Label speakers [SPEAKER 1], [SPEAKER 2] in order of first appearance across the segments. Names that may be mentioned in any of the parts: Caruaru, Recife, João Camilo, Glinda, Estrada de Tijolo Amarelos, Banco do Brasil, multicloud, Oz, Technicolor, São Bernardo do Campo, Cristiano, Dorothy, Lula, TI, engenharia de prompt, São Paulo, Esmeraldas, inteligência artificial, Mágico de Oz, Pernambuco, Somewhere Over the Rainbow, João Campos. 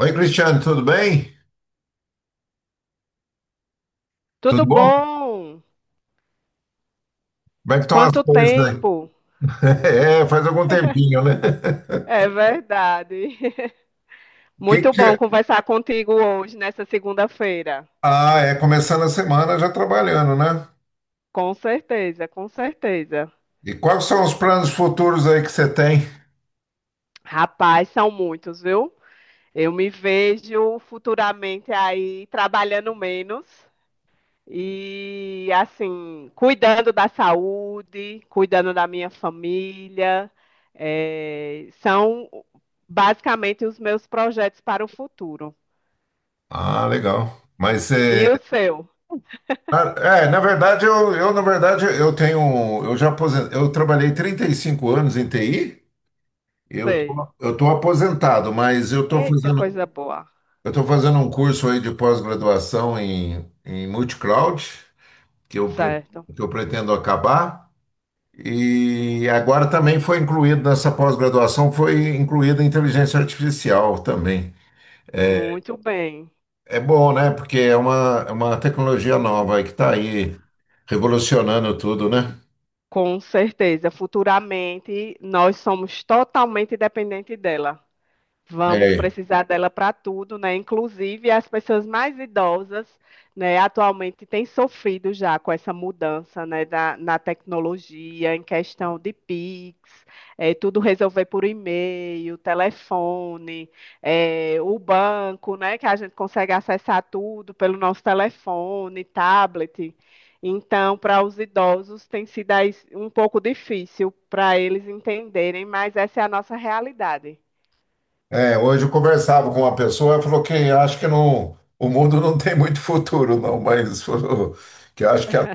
[SPEAKER 1] Oi, Cristiano, tudo bem?
[SPEAKER 2] Tudo
[SPEAKER 1] Tudo bom? Como
[SPEAKER 2] bom?
[SPEAKER 1] é que estão as
[SPEAKER 2] Quanto
[SPEAKER 1] coisas aí?
[SPEAKER 2] tempo?
[SPEAKER 1] Faz algum tempinho, né?
[SPEAKER 2] É verdade. Muito
[SPEAKER 1] Que...
[SPEAKER 2] bom
[SPEAKER 1] é?
[SPEAKER 2] conversar contigo hoje, nessa segunda-feira.
[SPEAKER 1] Ah, é começando a semana já trabalhando, né?
[SPEAKER 2] Com certeza, com certeza.
[SPEAKER 1] E quais são os planos futuros aí que você tem?
[SPEAKER 2] Rapaz, são muitos, viu? Eu me vejo futuramente aí trabalhando menos e, assim, cuidando da saúde, cuidando da minha família. É, são basicamente os meus projetos para o futuro.
[SPEAKER 1] Ah, legal.
[SPEAKER 2] E o seu?
[SPEAKER 1] Na verdade eu tenho eu trabalhei 35 anos em TI.
[SPEAKER 2] Sei.
[SPEAKER 1] Eu tô aposentado, mas
[SPEAKER 2] Eita, coisa boa.
[SPEAKER 1] eu tô fazendo um curso aí de pós-graduação em multicloud. que eu, pre-
[SPEAKER 2] Certo.
[SPEAKER 1] que eu pretendo acabar. E agora também foi incluído nessa pós-graduação, foi incluída a inteligência artificial também.
[SPEAKER 2] Muito bem.
[SPEAKER 1] É bom, né? Porque é uma tecnologia nova aí que está aí revolucionando tudo, né?
[SPEAKER 2] Com certeza. Futuramente, nós somos totalmente dependentes dela. Vamos
[SPEAKER 1] É.
[SPEAKER 2] precisar dela para tudo, né? Inclusive as pessoas mais idosas, né, atualmente têm sofrido já com essa mudança, né, na tecnologia, em questão de Pix, tudo resolver por e-mail, telefone, o banco, né, que a gente consegue acessar tudo pelo nosso telefone, tablet. Então, para os idosos tem sido aí um pouco difícil para eles entenderem, mas essa é a nossa realidade.
[SPEAKER 1] É, hoje eu conversava com uma pessoa, ela falou que acho que não, o mundo não tem muito futuro, não, mas falou que acho que, a-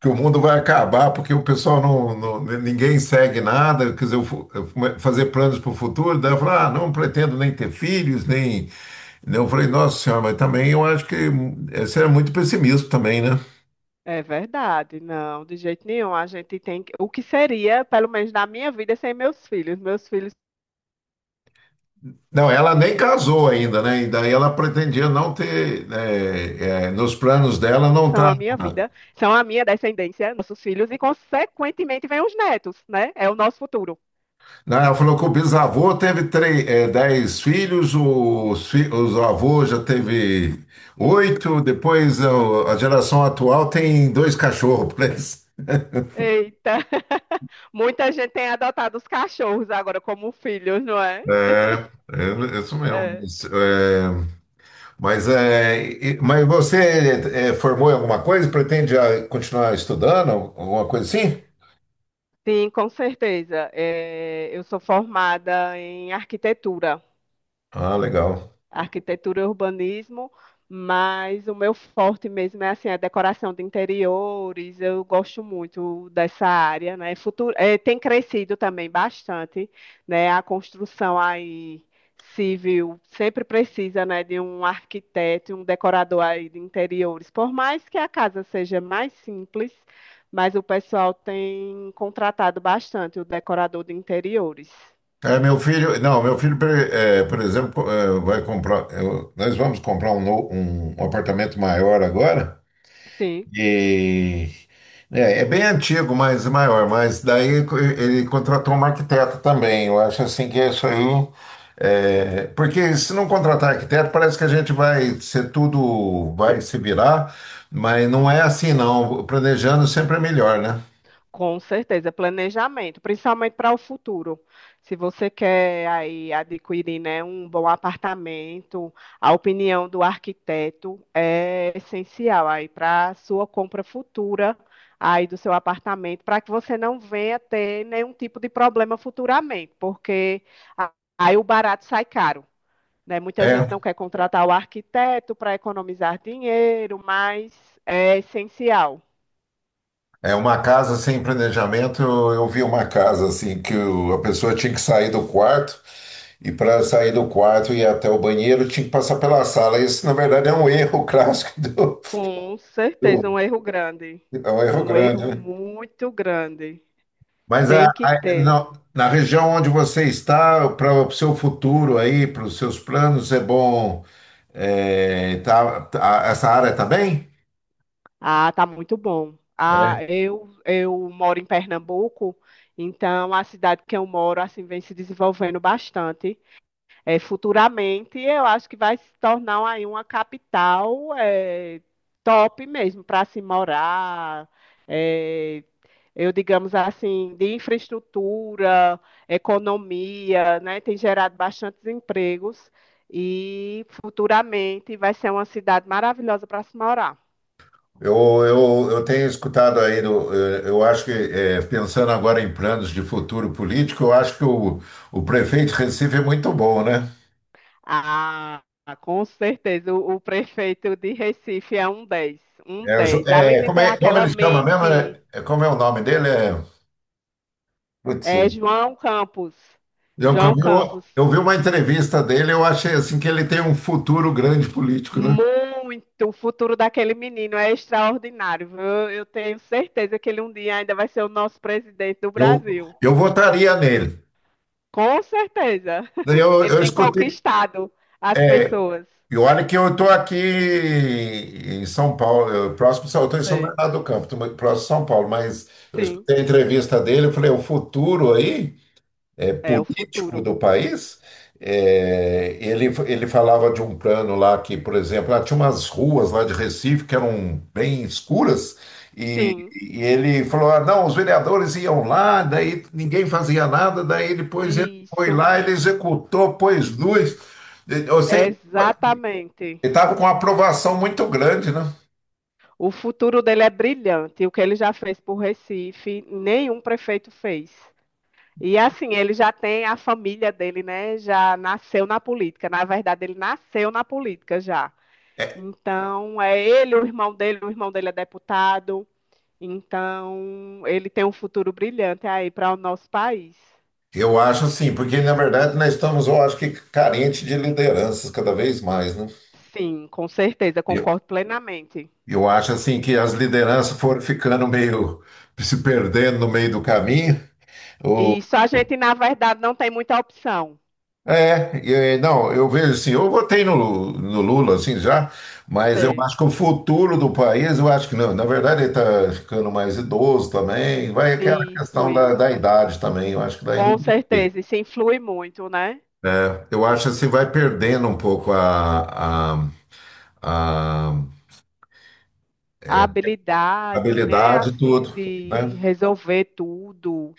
[SPEAKER 1] que o mundo vai acabar porque o pessoal ninguém segue nada, quer dizer, fazer planos para o futuro, daí eu falei, ah, não pretendo nem ter filhos, nem. Eu falei, nossa senhora, mas também eu acho que você é muito pessimista também, né?
[SPEAKER 2] É verdade, não, de jeito nenhum. A gente tem que, o que seria, pelo menos na minha vida, sem meus filhos. Meus filhos
[SPEAKER 1] Não, ela nem casou ainda, né? E daí ela pretendia não ter, nos planos dela não
[SPEAKER 2] são
[SPEAKER 1] tá.
[SPEAKER 2] a minha vida, são a minha descendência, nossos filhos, e consequentemente vêm os netos, né? É o nosso futuro.
[SPEAKER 1] Né? Ela falou que o bisavô teve dez filhos, os avôs já teve oito, a geração atual tem dois cachorros. Por isso.
[SPEAKER 2] Eita! Muita gente tem adotado os cachorros agora como filhos, não é?
[SPEAKER 1] É, é isso mesmo.
[SPEAKER 2] É.
[SPEAKER 1] Mas, é, mas você formou em alguma coisa? Pretende continuar estudando? Alguma coisa assim?
[SPEAKER 2] Sim, com certeza. É, eu sou formada em arquitetura.
[SPEAKER 1] Ah, legal.
[SPEAKER 2] arquitetura e urbanismo, mas o meu forte mesmo é assim, a decoração de interiores. Eu gosto muito dessa área, né? Futuro, tem crescido também bastante, né? A construção aí civil sempre precisa, né, de um arquiteto e um decorador aí de interiores. Por mais que a casa seja mais simples, mas o pessoal tem contratado bastante o decorador de interiores.
[SPEAKER 1] É, meu filho, não, Meu filho, por exemplo, nós vamos comprar um apartamento maior agora.
[SPEAKER 2] Sim.
[SPEAKER 1] E é, é bem antigo, mas é maior. Mas daí ele contratou um arquiteto também. Eu acho assim que isso aí. É, porque se não contratar arquiteto, parece que a gente vai ser tudo, vai se virar, mas não é assim, não. Planejando sempre é melhor, né?
[SPEAKER 2] Com certeza, planejamento, principalmente para o futuro. Se você quer aí adquirir, né, um bom apartamento, a opinião do arquiteto é essencial aí para a sua compra futura aí do seu apartamento, para que você não venha ter nenhum tipo de problema futuramente, porque a- aí o barato sai caro, né? Muita gente
[SPEAKER 1] É,
[SPEAKER 2] não quer contratar o arquiteto para economizar dinheiro, mas é essencial.
[SPEAKER 1] é uma casa sem planejamento. Eu vi uma casa assim a pessoa tinha que sair do quarto e para sair do quarto e ir até o banheiro tinha que passar pela sala. Isso, na verdade, é um erro clássico
[SPEAKER 2] Com certeza, um
[SPEAKER 1] do-
[SPEAKER 2] erro grande.
[SPEAKER 1] é um erro
[SPEAKER 2] Um erro
[SPEAKER 1] grande, né?
[SPEAKER 2] muito grande. Tem que ter.
[SPEAKER 1] Na região onde você está, para o seu futuro aí, para os seus planos, é bom. Essa área está bem?
[SPEAKER 2] Ah, tá muito bom. Ah, eu moro em Pernambuco, então a cidade que eu moro assim vem se desenvolvendo bastante. É, futuramente, eu acho que vai se tornar aí uma capital top mesmo para se morar. é, eu digamos assim, de infraestrutura, economia, né, tem gerado bastantes empregos e futuramente vai ser uma cidade maravilhosa para se morar.
[SPEAKER 1] Eu, eu tenho escutado aí. Eu acho que, eh, Pensando agora em planos de futuro político, eu acho que o prefeito de Recife é muito bom, né?
[SPEAKER 2] Ah, com certeza, o prefeito de Recife é um dez, um
[SPEAKER 1] É, o Jo-
[SPEAKER 2] dez. Além
[SPEAKER 1] é,
[SPEAKER 2] de
[SPEAKER 1] como
[SPEAKER 2] ter
[SPEAKER 1] é, Como
[SPEAKER 2] aquela
[SPEAKER 1] ele chama mesmo?
[SPEAKER 2] mente.
[SPEAKER 1] Como é o nome dele? Putz, é,
[SPEAKER 2] É João Campos.
[SPEAKER 1] João
[SPEAKER 2] João
[SPEAKER 1] Camilo,
[SPEAKER 2] Campos.
[SPEAKER 1] eu vi uma entrevista dele, eu achei assim que ele tem um futuro grande político, né?
[SPEAKER 2] Muito. O futuro daquele menino é extraordinário, viu? Eu tenho certeza que ele um dia ainda vai ser o nosso presidente do
[SPEAKER 1] Eu,
[SPEAKER 2] Brasil.
[SPEAKER 1] eu votaria nele.
[SPEAKER 2] Com certeza.
[SPEAKER 1] Daí eu
[SPEAKER 2] Ele
[SPEAKER 1] eu
[SPEAKER 2] tem
[SPEAKER 1] escutei.
[SPEAKER 2] conquistado as
[SPEAKER 1] É,
[SPEAKER 2] pessoas.
[SPEAKER 1] e olha que eu estou aqui em São Paulo, eu estou em São
[SPEAKER 2] Sei.
[SPEAKER 1] Bernardo do Campo, tô muito próximo de São Paulo, mas eu
[SPEAKER 2] Sim.
[SPEAKER 1] escutei a entrevista dele, eu falei, o futuro aí? É,
[SPEAKER 2] É o futuro.
[SPEAKER 1] político do país, é, ele falava de um plano lá que, por exemplo, lá tinha umas ruas lá de Recife que eram bem escuras,
[SPEAKER 2] Sim.
[SPEAKER 1] e ele falou: ah, não, os vereadores iam lá, daí ninguém fazia nada, daí depois ele foi
[SPEAKER 2] Isso.
[SPEAKER 1] lá, ele executou, pôs luz. Eu sei que
[SPEAKER 2] Exatamente.
[SPEAKER 1] ele estava com uma aprovação muito grande, né?
[SPEAKER 2] O futuro dele é brilhante. O que ele já fez por Recife, nenhum prefeito fez. E assim, ele já tem a família dele, né? Já nasceu na política. Na verdade, ele nasceu na política já. Então, é ele, o irmão dele é deputado. Então, ele tem um futuro brilhante aí para o nosso país.
[SPEAKER 1] Eu acho assim, porque na verdade nós estamos, eu acho que carente de lideranças cada vez mais, né?
[SPEAKER 2] Sim, com certeza, concordo plenamente.
[SPEAKER 1] Eu acho assim que as lideranças foram ficando meio se perdendo no meio do caminho. Ou,
[SPEAKER 2] E só a gente, na verdade, não tem muita opção.
[SPEAKER 1] é, e, eh, Não, eu vejo assim, eu votei no, Lu- no Lula assim já, mas eu
[SPEAKER 2] Sei.
[SPEAKER 1] acho que o futuro do país, eu acho que não, na verdade ele está ficando mais idoso também, vai aquela
[SPEAKER 2] Isso,
[SPEAKER 1] questão
[SPEAKER 2] isso.
[SPEAKER 1] da idade também, eu acho que daí não
[SPEAKER 2] Com
[SPEAKER 1] tem jeito.
[SPEAKER 2] certeza, isso influi muito, né?
[SPEAKER 1] Eu acho assim, vai perdendo um pouco a
[SPEAKER 2] A habilidade, né?
[SPEAKER 1] habilidade e
[SPEAKER 2] Assim,
[SPEAKER 1] tudo,
[SPEAKER 2] de
[SPEAKER 1] né?
[SPEAKER 2] resolver tudo.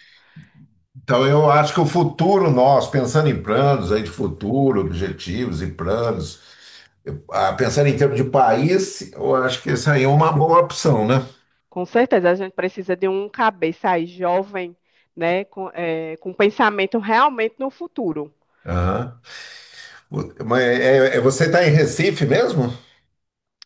[SPEAKER 1] Então, eu acho que o futuro nosso, pensando em planos aí de futuro, objetivos e planos, pensando em termos de país, eu acho que isso aí é uma boa opção, né?
[SPEAKER 2] Com certeza, a gente precisa de um cabeça aí jovem, né, com pensamento realmente no futuro.
[SPEAKER 1] Aham. Você está em Recife mesmo?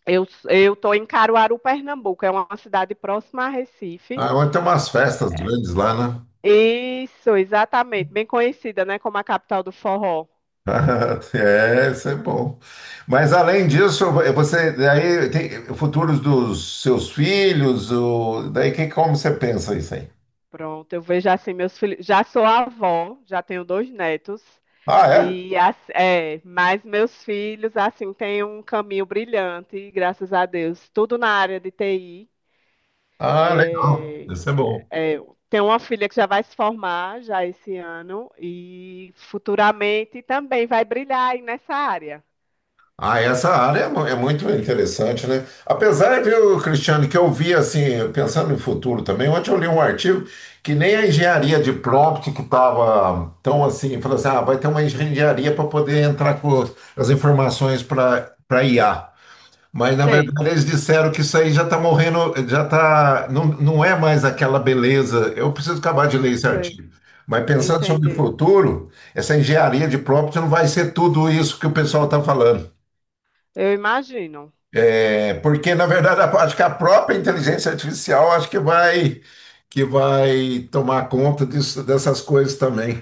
[SPEAKER 2] Eu tô em Caruaru, Pernambuco, é uma cidade próxima a Recife.
[SPEAKER 1] Ah, onde tem umas festas grandes lá, né?
[SPEAKER 2] Isso, exatamente, bem conhecida, né, como a capital do forró.
[SPEAKER 1] Ah, é, isso é bom. Mas além disso, você daí tem futuros dos seus filhos, como você pensa isso aí?
[SPEAKER 2] Pronto, eu vejo assim meus filhos, já sou avó, já tenho 2 netos
[SPEAKER 1] Ah, é?
[SPEAKER 2] e mas meus filhos assim têm um caminho brilhante, graças a Deus, tudo na área de TI.
[SPEAKER 1] Ah, legal. Isso é bom.
[SPEAKER 2] É, tenho uma filha que já vai se formar já esse ano e futuramente também vai brilhar aí nessa área.
[SPEAKER 1] Ah, essa área é muito interessante, né? Apesar, viu, Cristiano, que eu vi assim, pensando no futuro também, ontem eu li um artigo que nem a engenharia de prompt que estava tão assim, falou assim, ah, vai ter uma engenharia para poder entrar com as informações para IA. Mas, na
[SPEAKER 2] Sei,
[SPEAKER 1] verdade, eles disseram que isso aí já está morrendo, já está, não, não é mais aquela beleza. Eu preciso acabar de ler esse
[SPEAKER 2] sei,
[SPEAKER 1] artigo. Mas pensando sobre o
[SPEAKER 2] entendi.
[SPEAKER 1] futuro, essa engenharia de prompt não vai ser tudo isso que o pessoal está falando.
[SPEAKER 2] Eu imagino.
[SPEAKER 1] É porque, na verdade, acho que a própria inteligência artificial acho que vai tomar conta disso, dessas coisas também.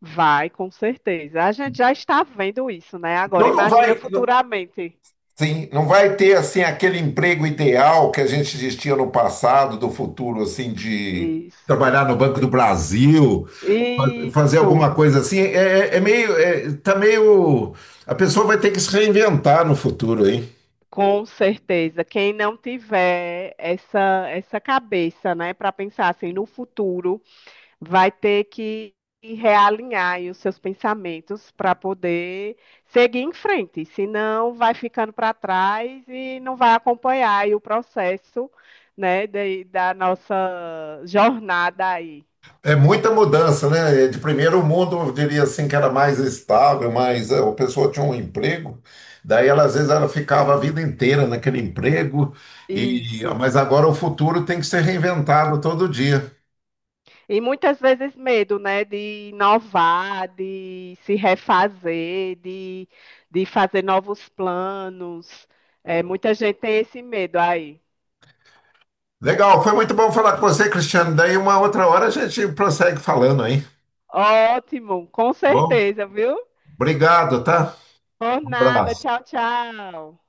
[SPEAKER 2] Vai, com certeza. A gente já está vendo isso, né? Agora,
[SPEAKER 1] Não, não
[SPEAKER 2] imagina
[SPEAKER 1] vai, não-
[SPEAKER 2] futuramente.
[SPEAKER 1] sim, não vai ter assim aquele emprego ideal que a gente existia no passado, do futuro assim de
[SPEAKER 2] Isso,
[SPEAKER 1] trabalhar no Banco do Brasil, fazer
[SPEAKER 2] isso,
[SPEAKER 1] alguma coisa assim. Tá meio, a pessoa vai ter que se reinventar no futuro, hein?
[SPEAKER 2] com certeza. Quem não tiver essa, cabeça, né, para pensar assim no futuro, vai ter que realinhar aí os seus pensamentos para poder seguir em frente, senão vai ficando para trás e não vai acompanhar aí o processo, né, da nossa jornada aí.
[SPEAKER 1] É muita mudança, né? É, de primeiro mundo, eu diria assim que era mais estável, mas é, a pessoa tinha um emprego, daí ela, às vezes ela ficava a vida inteira naquele emprego, e
[SPEAKER 2] Isso.
[SPEAKER 1] mas agora o futuro tem que ser reinventado todo dia.
[SPEAKER 2] E muitas vezes medo, né, de inovar, de se refazer, de fazer novos planos. É, muita gente tem esse medo aí.
[SPEAKER 1] Legal, foi muito bom falar com você, Cristiano. Daí uma outra hora a gente prossegue falando aí,
[SPEAKER 2] Ótimo, com
[SPEAKER 1] tá bom?
[SPEAKER 2] certeza, viu?
[SPEAKER 1] Obrigado, tá?
[SPEAKER 2] Por
[SPEAKER 1] Um
[SPEAKER 2] nada.
[SPEAKER 1] abraço.
[SPEAKER 2] Tchau, tchau.